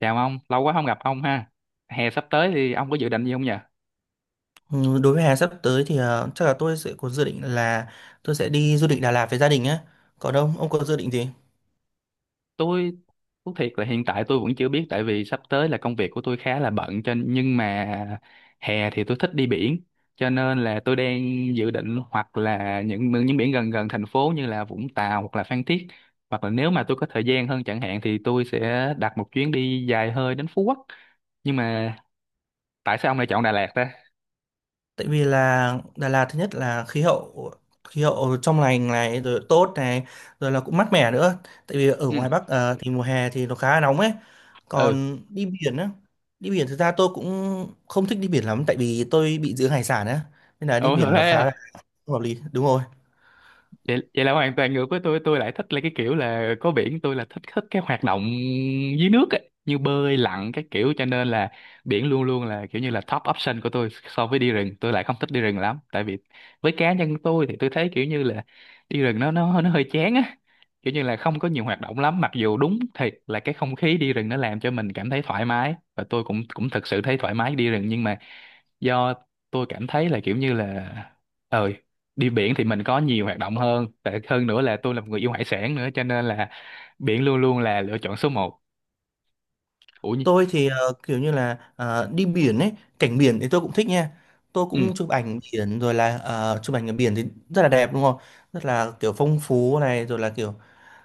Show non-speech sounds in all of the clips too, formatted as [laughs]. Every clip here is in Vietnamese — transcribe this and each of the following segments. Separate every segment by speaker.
Speaker 1: Chào ông, lâu quá không gặp ông ha. Hè sắp tới thì ông có dự định gì không nhỉ?
Speaker 2: Ừ, đối với hè sắp tới thì chắc là tôi sẽ có dự định là tôi sẽ đi du lịch Đà Lạt với gia đình á. Còn ông, có dự định gì?
Speaker 1: Tôi thú thiệt là hiện tại tôi vẫn chưa biết, tại vì sắp tới là công việc của tôi khá là bận cho nhưng mà hè thì tôi thích đi biển, cho nên là tôi đang dự định hoặc là những biển gần gần thành phố như là Vũng Tàu hoặc là Phan Thiết, hoặc là nếu mà tôi có thời gian hơn chẳng hạn thì tôi sẽ đặt một chuyến đi dài hơi đến Phú Quốc. Nhưng mà tại sao ông lại chọn Đà Lạt ta?
Speaker 2: Tại vì là Đà Lạt thứ nhất là khí hậu, trong lành này, rồi tốt này, rồi là cũng mát mẻ nữa. Tại vì ở
Speaker 1: Ừ.
Speaker 2: ngoài Bắc thì mùa hè thì nó khá là nóng ấy.
Speaker 1: Ừ.
Speaker 2: Còn đi biển á, đi biển thực ra tôi cũng không thích đi biển lắm tại vì tôi bị giữ hải sản á. Nên là đi
Speaker 1: Ủa
Speaker 2: biển nó khá là
Speaker 1: thế
Speaker 2: không hợp lý. Đúng rồi.
Speaker 1: vậy là hoàn toàn ngược với tôi lại thích là cái kiểu là có biển, tôi là thích thích cái hoạt động dưới nước ấy, như bơi lặn các kiểu, cho nên là biển luôn luôn là kiểu như là top option của tôi. So với đi rừng, tôi lại không thích đi rừng lắm, tại vì với cá nhân tôi thì tôi thấy kiểu như là đi rừng nó hơi chán á, kiểu như là không có nhiều hoạt động lắm, mặc dù đúng thiệt là cái không khí đi rừng nó làm cho mình cảm thấy thoải mái, và tôi cũng cũng thực sự thấy thoải mái đi rừng, nhưng mà do tôi cảm thấy là kiểu như là ờ đi biển thì mình có nhiều hoạt động hơn. Tệ hơn nữa là tôi là một người yêu hải sản nữa, cho nên là biển luôn luôn là lựa chọn số một. ủa nhi-
Speaker 2: Tôi thì kiểu như là đi biển ấy, cảnh biển thì tôi cũng thích nha. Tôi
Speaker 1: ừ.
Speaker 2: cũng chụp ảnh biển, rồi là chụp ảnh ở biển thì rất là đẹp đúng không? Rất là kiểu phong phú này, rồi là kiểu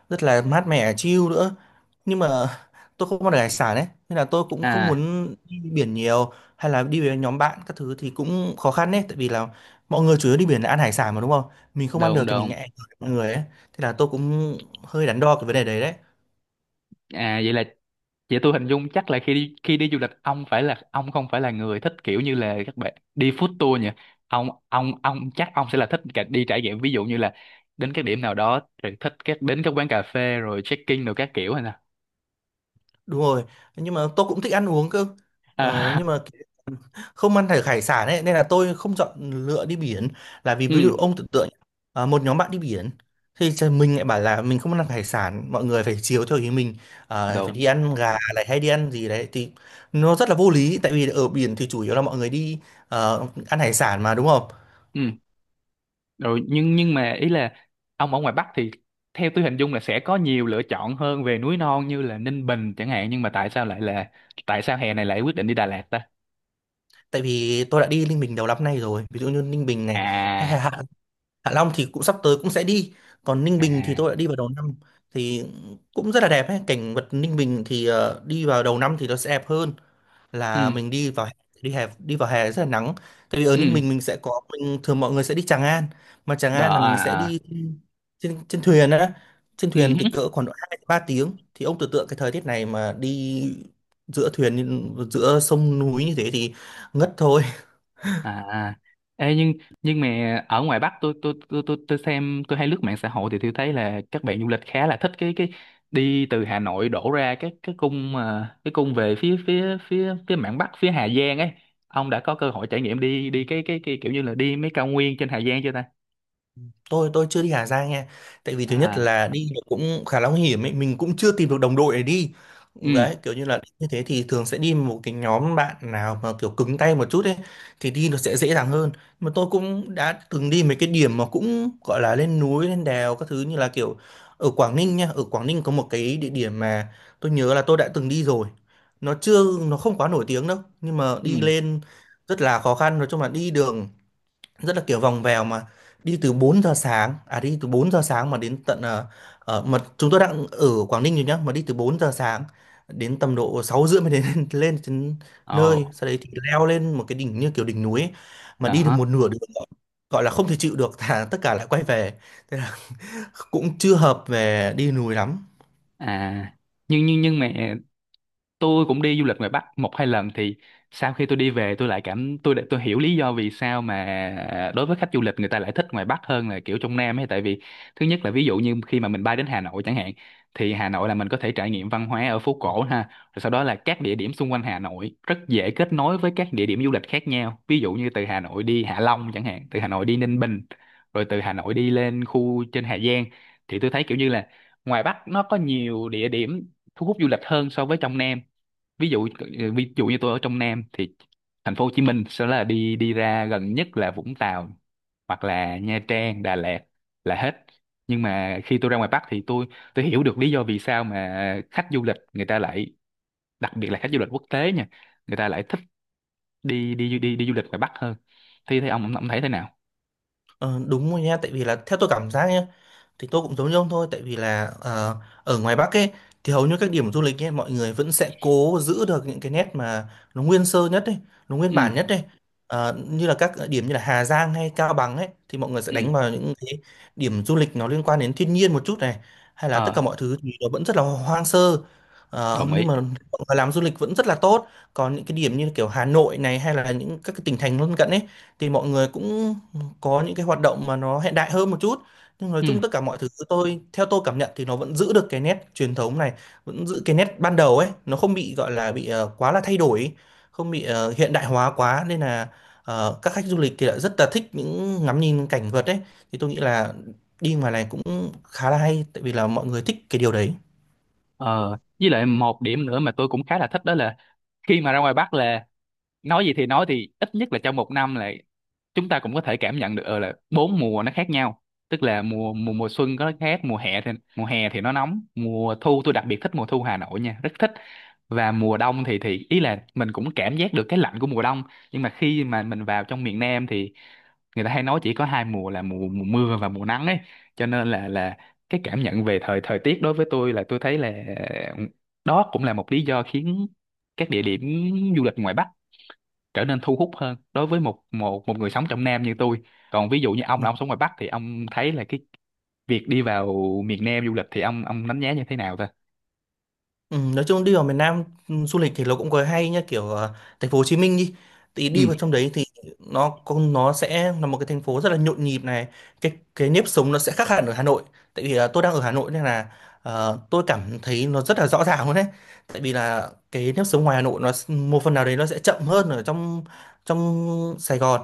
Speaker 2: rất là mát mẻ chill nữa. Nhưng mà [laughs] tôi không ăn được hải sản ấy, nên là tôi cũng không
Speaker 1: À.
Speaker 2: muốn đi biển nhiều hay là đi với nhóm bạn các thứ thì cũng khó khăn đấy, tại vì là mọi người chủ yếu đi biển là ăn hải sản mà đúng không? Mình không ăn được
Speaker 1: đồn
Speaker 2: thì mình
Speaker 1: đồn
Speaker 2: ngại mọi người ấy. Thế là tôi cũng hơi đắn đo cái vấn đề đấy đấy.
Speaker 1: À. Vậy vậy tôi hình dung chắc là khi đi du lịch, ông không phải là người thích kiểu như là các bạn đi food tour nhỉ. Ông chắc ông sẽ là thích cả đi trải nghiệm, ví dụ như là đến các điểm nào đó, rồi thích đến các quán cà phê rồi check-in rồi các kiểu hay nào.
Speaker 2: Đúng rồi, nhưng mà tôi cũng thích ăn uống cơ,
Speaker 1: À.
Speaker 2: nhưng mà không ăn hải hải sản ấy, nên là tôi không chọn lựa đi biển là vì,
Speaker 1: [laughs] Ừ.
Speaker 2: ví dụ ông tưởng tượng à, một nhóm bạn đi biển thì trời, mình lại bảo là mình không ăn hải sản, mọi người phải chiều theo ý mình à, phải đi
Speaker 1: Đúng.
Speaker 2: ăn gà này hay đi ăn gì đấy thì nó rất là vô lý, tại vì ở biển thì chủ yếu là mọi người đi ăn hải sản mà đúng không.
Speaker 1: Ừ. Rồi, nhưng mà ý là ông ở ngoài Bắc thì theo tôi hình dung là sẽ có nhiều lựa chọn hơn về núi non như là Ninh Bình chẳng hạn, nhưng mà tại sao hè này lại quyết định đi Đà Lạt ta?
Speaker 2: Tại vì tôi đã đi Ninh Bình đầu năm nay rồi, ví dụ như Ninh Bình này, hay
Speaker 1: À.
Speaker 2: Hạ Hạ Long thì cũng sắp tới cũng sẽ đi, còn Ninh
Speaker 1: À.
Speaker 2: Bình thì
Speaker 1: À.
Speaker 2: tôi đã đi vào đầu năm thì cũng rất là đẹp ấy. Cảnh vật Ninh Bình thì đi vào đầu năm thì nó sẽ đẹp hơn
Speaker 1: Ừ.
Speaker 2: là mình đi vào hè. Đi hè, đi vào hè rất là nắng, tại vì ở Ninh
Speaker 1: Ừ.
Speaker 2: Bình mình sẽ có, mình thường mọi người sẽ đi Tràng An, mà Tràng
Speaker 1: Đó
Speaker 2: An là
Speaker 1: à.
Speaker 2: mình sẽ
Speaker 1: À.
Speaker 2: đi trên trên thuyền á, trên
Speaker 1: Ừ.
Speaker 2: thuyền thì cỡ khoảng độ 2-3 tiếng thì ông tưởng tượng cái thời tiết này mà đi giữa thuyền giữa sông núi như thế thì ngất thôi.
Speaker 1: À. À. Ê, nhưng mà ở ngoài Bắc, tôi xem, tôi hay lướt mạng xã hội thì tôi thấy là các bạn du lịch khá là thích cái đi từ Hà Nội đổ ra cái cung mà cái cung về phía phía phía phía mạn Bắc, phía Hà Giang ấy. Ông đã có cơ hội trải nghiệm đi đi cái kiểu như là đi mấy cao nguyên trên Hà Giang chưa ta?
Speaker 2: Tôi chưa đi Hà Giang nha, tại vì thứ nhất
Speaker 1: À.
Speaker 2: là đi nó cũng khá là nguy hiểm ấy, mình cũng chưa tìm được đồng đội để đi.
Speaker 1: Ừ.
Speaker 2: Đấy, kiểu như là đi như thế thì thường sẽ đi một cái nhóm bạn nào mà kiểu cứng tay một chút ấy thì đi nó sẽ dễ dàng hơn. Mà tôi cũng đã từng đi mấy cái điểm mà cũng gọi là lên núi lên đèo các thứ, như là kiểu ở Quảng Ninh nha, ở Quảng Ninh có một cái địa điểm mà tôi nhớ là tôi đã từng đi rồi, nó chưa, nó không quá nổi tiếng đâu, nhưng mà đi
Speaker 1: Ừ.
Speaker 2: lên rất là khó khăn, nói chung là đi đường rất là kiểu vòng vèo, mà đi từ 4 giờ sáng mà đến tận mà chúng tôi đang ở Quảng Ninh rồi nhá, mà đi từ 4 giờ sáng đến tầm độ 6 rưỡi mới đến, [laughs] lên đến
Speaker 1: Ồ.
Speaker 2: nơi sau đấy thì leo lên một cái đỉnh như kiểu đỉnh núi ấy. Mà
Speaker 1: À
Speaker 2: đi được
Speaker 1: hả.
Speaker 2: một nửa đường gọi gọi là không thể chịu được, thà tất cả lại quay về, thế là [laughs] cũng chưa hợp về đi núi lắm.
Speaker 1: À, nhưng mà tôi cũng đi du lịch ngoài Bắc một hai lần, thì sau khi tôi đi về, tôi lại cảm tôi đã- tôi hiểu lý do vì sao mà đối với khách du lịch, người ta lại thích ngoài Bắc hơn là kiểu trong Nam ấy. Tại vì thứ nhất là, ví dụ như khi mà mình bay đến Hà Nội chẳng hạn, thì Hà Nội là mình có thể trải nghiệm văn hóa ở phố cổ ha, rồi sau đó là các địa điểm xung quanh Hà Nội rất dễ kết nối với các địa điểm du lịch khác nhau, ví dụ như từ Hà Nội đi Hạ Long chẳng hạn, từ Hà Nội đi Ninh Bình, rồi từ Hà Nội đi lên khu trên Hà Giang, thì tôi thấy kiểu như là ngoài Bắc nó có nhiều địa điểm thu hút du lịch hơn so với trong Nam. ví dụ ờ, Ví dụ như tôi ở trong Nam thì thành phố Hồ Chí Minh sẽ là đi đi ra gần nhất là Vũng Tàu, hoặc là Nha Trang, Đà Lạt là hết. Nhưng mà khi tôi ra ngoài Bắc thì tôi hiểu được lý do vì sao mà khách du lịch người ta lại, đặc biệt là khách du lịch quốc tế nha, người ta lại thích đi đi đi đi du lịch ngoài Bắc hơn. Thì ông thấy thế nào?
Speaker 2: Ờ, đúng rồi nha, tại vì là theo tôi cảm giác nhá, thì tôi cũng giống như ông thôi, tại vì là ở ngoài Bắc ấy thì hầu như các điểm du lịch ấy mọi người vẫn sẽ cố giữ được những cái nét mà nó nguyên sơ nhất ấy, nó nguyên
Speaker 1: Ừ.
Speaker 2: bản nhất ấy. Ờ, như là các điểm như là Hà Giang hay Cao Bằng ấy thì mọi người sẽ
Speaker 1: Ừ.
Speaker 2: đánh vào những cái điểm du lịch nó liên quan đến thiên nhiên một chút này, hay là tất
Speaker 1: ờ
Speaker 2: cả mọi thứ thì nó vẫn rất là hoang sơ. Ờ,
Speaker 1: Đồng ý.
Speaker 2: nhưng mà mọi người làm du lịch vẫn rất là tốt. Còn những cái điểm như kiểu Hà Nội này, hay là những các cái tỉnh thành lân cận ấy, thì mọi người cũng có những cái hoạt động mà nó hiện đại hơn một chút. Nhưng nói
Speaker 1: Ừ.
Speaker 2: chung tất cả mọi thứ tôi, theo tôi cảm nhận, thì nó vẫn giữ được cái nét truyền thống này, vẫn giữ cái nét ban đầu ấy, nó không bị gọi là bị quá là thay đổi ấy, không bị hiện đại hóa quá, nên là các khách du lịch thì lại rất là thích những ngắm nhìn cảnh vật ấy. Thì tôi nghĩ là đi ngoài này cũng khá là hay, tại vì là mọi người thích cái điều đấy.
Speaker 1: ờ với lại một điểm nữa mà tôi cũng khá là thích đó là khi mà ra ngoài Bắc là nói gì thì nói, thì ít nhất là trong một năm là chúng ta cũng có thể cảm nhận được là bốn mùa nó khác nhau. Tức là mùa mùa mùa xuân có khác mùa hè, thì mùa hè thì nó nóng, mùa thu tôi đặc biệt thích mùa thu Hà Nội nha, rất thích. Và mùa đông thì ý là mình cũng cảm giác được cái lạnh của mùa đông. Nhưng mà khi mà mình vào trong miền Nam thì người ta hay nói chỉ có hai mùa là mùa mùa mưa và mùa nắng ấy, cho nên là cái cảm nhận về thời thời tiết đối với tôi, là tôi thấy là ờ, đó cũng là một lý do khiến các địa điểm du lịch ngoài Bắc trở nên thu hút hơn đối với một một một người sống trong Nam như tôi. Còn ví dụ như ông
Speaker 2: Ừ.
Speaker 1: là ông sống ngoài Bắc thì ông thấy là cái việc đi vào miền Nam du lịch thì ông đánh giá như thế nào ta?
Speaker 2: Ừ, nói chung đi vào miền Nam du lịch thì nó cũng có hay nhá, kiểu thành phố Hồ Chí Minh đi, thì đi
Speaker 1: Ừ.
Speaker 2: vào trong đấy thì nó con nó sẽ là một cái thành phố rất là nhộn nhịp này, cái nếp sống nó sẽ khác hẳn ở Hà Nội, tại vì tôi đang ở Hà Nội nên là tôi cảm thấy nó rất là rõ ràng luôn đấy. Tại vì là cái nếp sống ngoài Hà Nội nó một phần nào đấy nó sẽ chậm hơn ở trong trong Sài Gòn.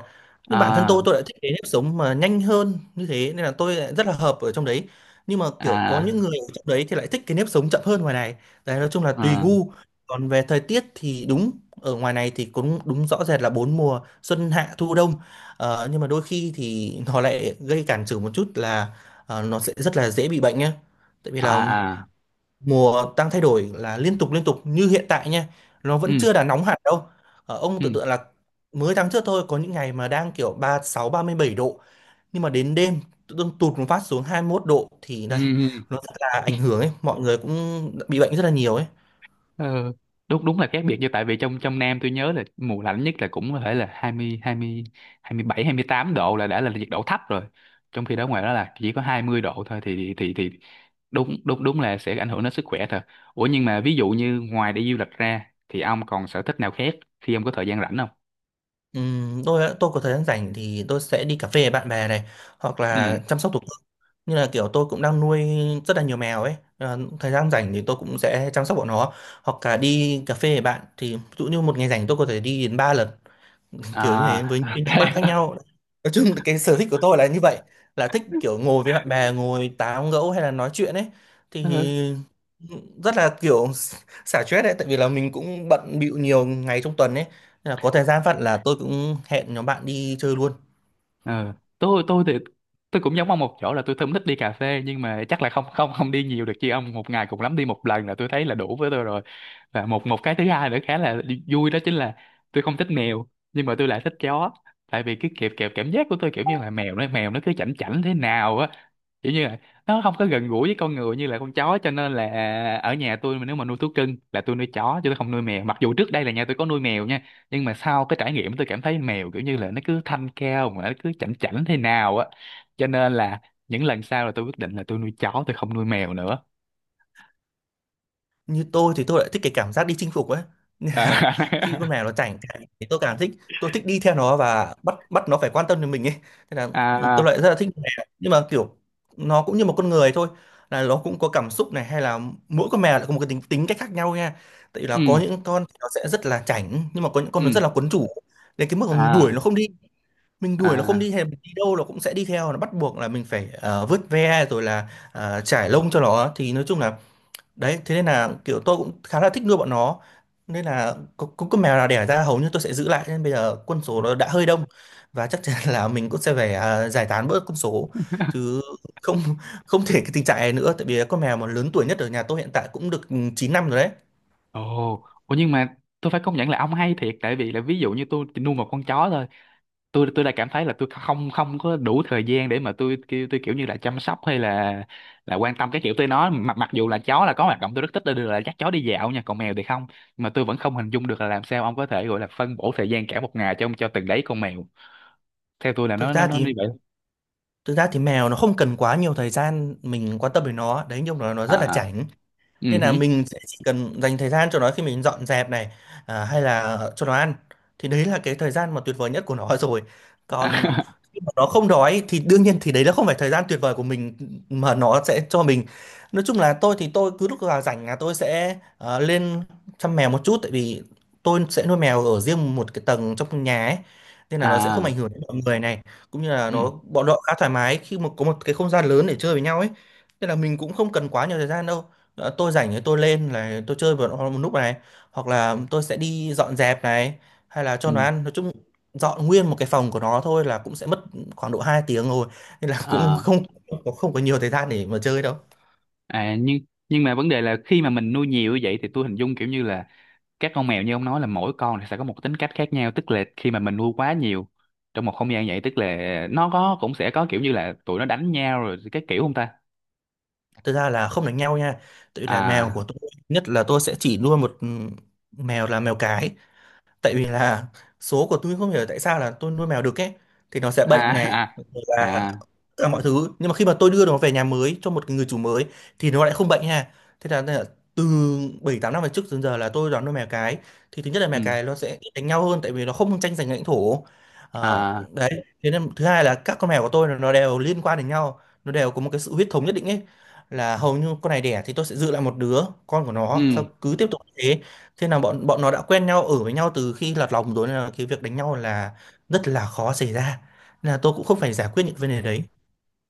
Speaker 2: Nhưng bản thân
Speaker 1: À.
Speaker 2: tôi lại thích cái nếp sống mà nhanh hơn như thế, nên là tôi lại rất là hợp ở trong đấy. Nhưng mà kiểu có
Speaker 1: À.
Speaker 2: những người ở trong đấy thì lại thích cái nếp sống chậm hơn ngoài này. Đấy, nói chung là tùy
Speaker 1: À.
Speaker 2: gu. Còn về thời tiết thì đúng, ở ngoài này thì cũng đúng rõ rệt là bốn mùa xuân hạ thu đông. Ờ, nhưng mà đôi khi thì nó lại gây cản trở một chút là nó sẽ rất là dễ bị bệnh nhé. Tại vì
Speaker 1: À.
Speaker 2: là
Speaker 1: À.
Speaker 2: mùa đang thay đổi là liên tục như hiện tại nha. Nó vẫn
Speaker 1: Ừ.
Speaker 2: chưa là nóng hẳn đâu. Ờ, ông
Speaker 1: Ừ.
Speaker 2: tưởng tượng là mới tháng trước thôi có những ngày mà đang kiểu ba 36 37 độ, nhưng mà đến đêm tự dưng tụt một phát xuống 21 độ thì
Speaker 1: Ừ.
Speaker 2: đây,
Speaker 1: Ừ.
Speaker 2: nó rất là ảnh hưởng ấy, mọi người cũng bị bệnh rất là nhiều ấy.
Speaker 1: Ờ, đúng đúng là khác biệt. Như tại vì trong trong Nam tôi nhớ là mùa lạnh nhất là cũng có thể là hai hai hai mươi mươi mươi bảy, 28 độ là đã là nhiệt độ thấp rồi. Trong khi đó ngoài đó là chỉ có 20 độ thôi, thì thì đúng đúng đúng là sẽ ảnh hưởng đến sức khỏe thật. Ủa nhưng mà ví dụ như ngoài đi du lịch ra thì ông còn sở thích nào khác khi ông có thời gian rảnh không?
Speaker 2: Tôi tôi có thời gian rảnh thì tôi sẽ đi cà phê với bạn bè này, hoặc
Speaker 1: Ừ.
Speaker 2: là chăm sóc thú cưng, như là kiểu tôi cũng đang nuôi rất là nhiều mèo ấy. Ờ, thời gian rảnh thì tôi cũng sẽ chăm sóc bọn nó, hoặc là đi cà phê với bạn, thì ví dụ như một ngày rảnh tôi có thể đi đến ba lần, kiểu như thế
Speaker 1: À.
Speaker 2: với
Speaker 1: [laughs]
Speaker 2: những nhóm
Speaker 1: Thế
Speaker 2: bạn khác
Speaker 1: hả?
Speaker 2: nhau. Nói chung là cái sở thích của tôi là như vậy, là thích kiểu ngồi với bạn bè, ngồi tán gẫu hay là nói chuyện ấy,
Speaker 1: Ừ.
Speaker 2: thì rất là kiểu [laughs] xả stress đấy, tại vì là mình cũng bận bịu nhiều ngày trong tuần ấy, nên là có thời gian phận là tôi cũng hẹn nhóm bạn đi chơi luôn.
Speaker 1: Ừ. tôi thì tôi cũng giống ông một chỗ là tôi không thích đi cà phê. Nhưng mà chắc là không không không đi nhiều được chứ ông, một ngày cũng lắm đi một lần là tôi thấy là đủ với tôi rồi. Và một một cái thứ hai nữa khá là vui đó chính là tôi không thích mèo, nhưng mà tôi lại thích chó. Tại vì cái kẹp kẹp cảm giác của tôi kiểu như là mèo nó cứ chảnh chảnh thế nào á, kiểu như là nó không có gần gũi với con người như là con chó, cho nên là ở nhà tôi mà nếu mà nuôi thú cưng là tôi nuôi chó chứ tôi không nuôi mèo, mặc dù trước đây là nhà tôi có nuôi mèo nha. Nhưng mà sau cái trải nghiệm, tôi cảm thấy mèo kiểu như là nó cứ thanh cao mà nó cứ chảnh chảnh thế nào á, cho nên là những lần sau là tôi quyết định là tôi nuôi chó, tôi không nuôi mèo nữa.
Speaker 2: Như tôi thì tôi lại thích cái cảm giác đi chinh phục ấy, [laughs] nên là khi con
Speaker 1: [laughs]
Speaker 2: mèo nó chảnh chảnh thì tôi càng thích. Tôi thích đi theo nó và bắt bắt nó phải quan tâm đến mình ấy, thế là tôi
Speaker 1: À.
Speaker 2: lại rất là thích con mèo, nhưng mà kiểu nó cũng như một con người thôi, là nó cũng có cảm xúc này, hay là mỗi con mèo lại có một cái tính tính cách khác nhau nha. Tại vì là
Speaker 1: Ừ.
Speaker 2: có những con thì nó sẽ rất là chảnh, nhưng mà có những
Speaker 1: Ừ.
Speaker 2: con nó rất là quấn chủ, đến cái mức mà mình đuổi
Speaker 1: À.
Speaker 2: nó không đi, mình đuổi nó không
Speaker 1: À.
Speaker 2: đi, hay là mình đi đâu nó cũng sẽ đi theo, nó bắt buộc là mình phải vớt ve rồi là chải lông cho nó, thì nói chung là đấy, thế nên là kiểu tôi cũng khá là thích nuôi bọn nó. Nên là có con mèo nào đẻ ra hầu như tôi sẽ giữ lại, nên bây giờ quân số nó đã hơi đông, và chắc chắn là mình cũng sẽ phải à, giải tán bớt quân số
Speaker 1: [laughs]
Speaker 2: chứ không, không thể cái tình trạng này nữa, tại vì con mèo mà lớn tuổi nhất ở nhà tôi hiện tại cũng được 9 năm rồi đấy.
Speaker 1: Ồ. Ồ, nhưng mà tôi phải công nhận là ông hay thiệt. Tại vì là ví dụ như tôi chỉ nuôi một con chó thôi, tôi đã cảm thấy là tôi không không có đủ thời gian để mà tôi kiểu như là chăm sóc hay là quan tâm cái kiểu tới nó, mặc mặc dù là chó là có hoạt động tôi rất thích là dắt chó đi dạo nha, còn mèo thì không. Mà tôi vẫn không hình dung được là làm sao ông có thể gọi là phân bổ thời gian cả một ngày cho từng đấy con mèo, theo tôi là
Speaker 2: thực
Speaker 1: nó nó
Speaker 2: ra
Speaker 1: nó
Speaker 2: thì
Speaker 1: như vậy.
Speaker 2: Thực ra thì mèo nó không cần quá nhiều thời gian mình quan tâm đến nó đấy, nhưng mà nó
Speaker 1: À.
Speaker 2: rất là
Speaker 1: À.
Speaker 2: chảnh,
Speaker 1: Ừ
Speaker 2: nên là
Speaker 1: hử.
Speaker 2: mình sẽ chỉ cần dành thời gian cho nó khi mình dọn dẹp này, à, hay là cho nó ăn, thì đấy là cái thời gian mà tuyệt vời nhất của nó [laughs] rồi. Còn
Speaker 1: À. [laughs]
Speaker 2: khi mà nó không đói thì đương nhiên thì đấy là không phải thời gian tuyệt vời của mình mà nó sẽ cho mình. Nói chung là tôi thì tôi cứ lúc nào rảnh là tôi sẽ lên chăm mèo một chút, tại vì tôi sẽ nuôi mèo ở riêng một cái tầng trong nhà ấy, nên là nó sẽ không ảnh
Speaker 1: À.
Speaker 2: hưởng đến mọi người này, cũng như là
Speaker 1: Ừ.
Speaker 2: nó bọn họ khá thoải mái khi mà có một cái không gian lớn để chơi với nhau ấy, nên là mình cũng không cần quá nhiều thời gian đâu. Ờ, tôi rảnh thì tôi lên là tôi chơi một lúc này, hoặc là tôi sẽ đi dọn dẹp này, hay là cho
Speaker 1: Ừ.
Speaker 2: nó ăn. Nói chung dọn nguyên một cái phòng của nó thôi là cũng sẽ mất khoảng độ 2 tiếng rồi, nên là cũng
Speaker 1: À.
Speaker 2: không, không có, không có nhiều thời gian để mà chơi đâu.
Speaker 1: À. Nhưng mà vấn đề là khi mà mình nuôi nhiều như vậy thì tôi hình dung kiểu như là các con mèo như ông nói là mỗi con thì sẽ có một tính cách khác nhau, tức là khi mà mình nuôi quá nhiều trong một không gian vậy, tức là nó có cũng sẽ có kiểu như là tụi nó đánh nhau rồi cái kiểu, không ta?
Speaker 2: Thực ra là không đánh nhau nha, tự là mèo
Speaker 1: À.
Speaker 2: của tôi nhất là tôi sẽ chỉ nuôi một mèo, là mèo cái, tại vì là số của tôi không hiểu tại sao là tôi nuôi mèo đực ấy thì nó sẽ
Speaker 1: À.
Speaker 2: bệnh này,
Speaker 1: [laughs]
Speaker 2: rồi là
Speaker 1: À. À.
Speaker 2: tất cả mọi thứ, nhưng mà khi mà tôi đưa nó về nhà mới cho một người chủ mới thì nó lại không bệnh ha. Thế là từ 7-8 năm về trước đến giờ là tôi đón nuôi mèo cái. Thì thứ nhất là mèo
Speaker 1: Ừ.
Speaker 2: cái nó sẽ ít đánh nhau hơn tại vì nó không tranh giành lãnh thổ. Ờ,
Speaker 1: À.
Speaker 2: đấy, thế nên thứ hai là các con mèo của tôi là nó đều liên quan đến nhau, nó đều có một cái sự huyết thống nhất định ấy, là hầu như con này đẻ thì tôi sẽ giữ lại một đứa, con của nó sau
Speaker 1: Ừ.
Speaker 2: cứ tiếp tục như thế. Thế là bọn bọn nó đã quen nhau, ở với nhau từ khi lọt lòng rồi, nên là cái việc đánh nhau là rất là khó xảy ra. Nên là tôi cũng không phải giải quyết những vấn đề đấy.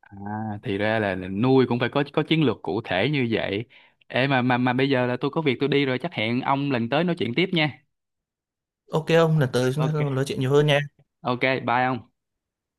Speaker 1: À. Thì ra là, nuôi cũng phải có chiến lược cụ thể như vậy. Ê, mà bây giờ là tôi có việc tôi đi rồi, chắc hẹn ông lần tới nói chuyện tiếp nha.
Speaker 2: Ok ông, lần tới chúng ta
Speaker 1: OK.
Speaker 2: nói chuyện nhiều hơn nha.
Speaker 1: OK. Bye ông.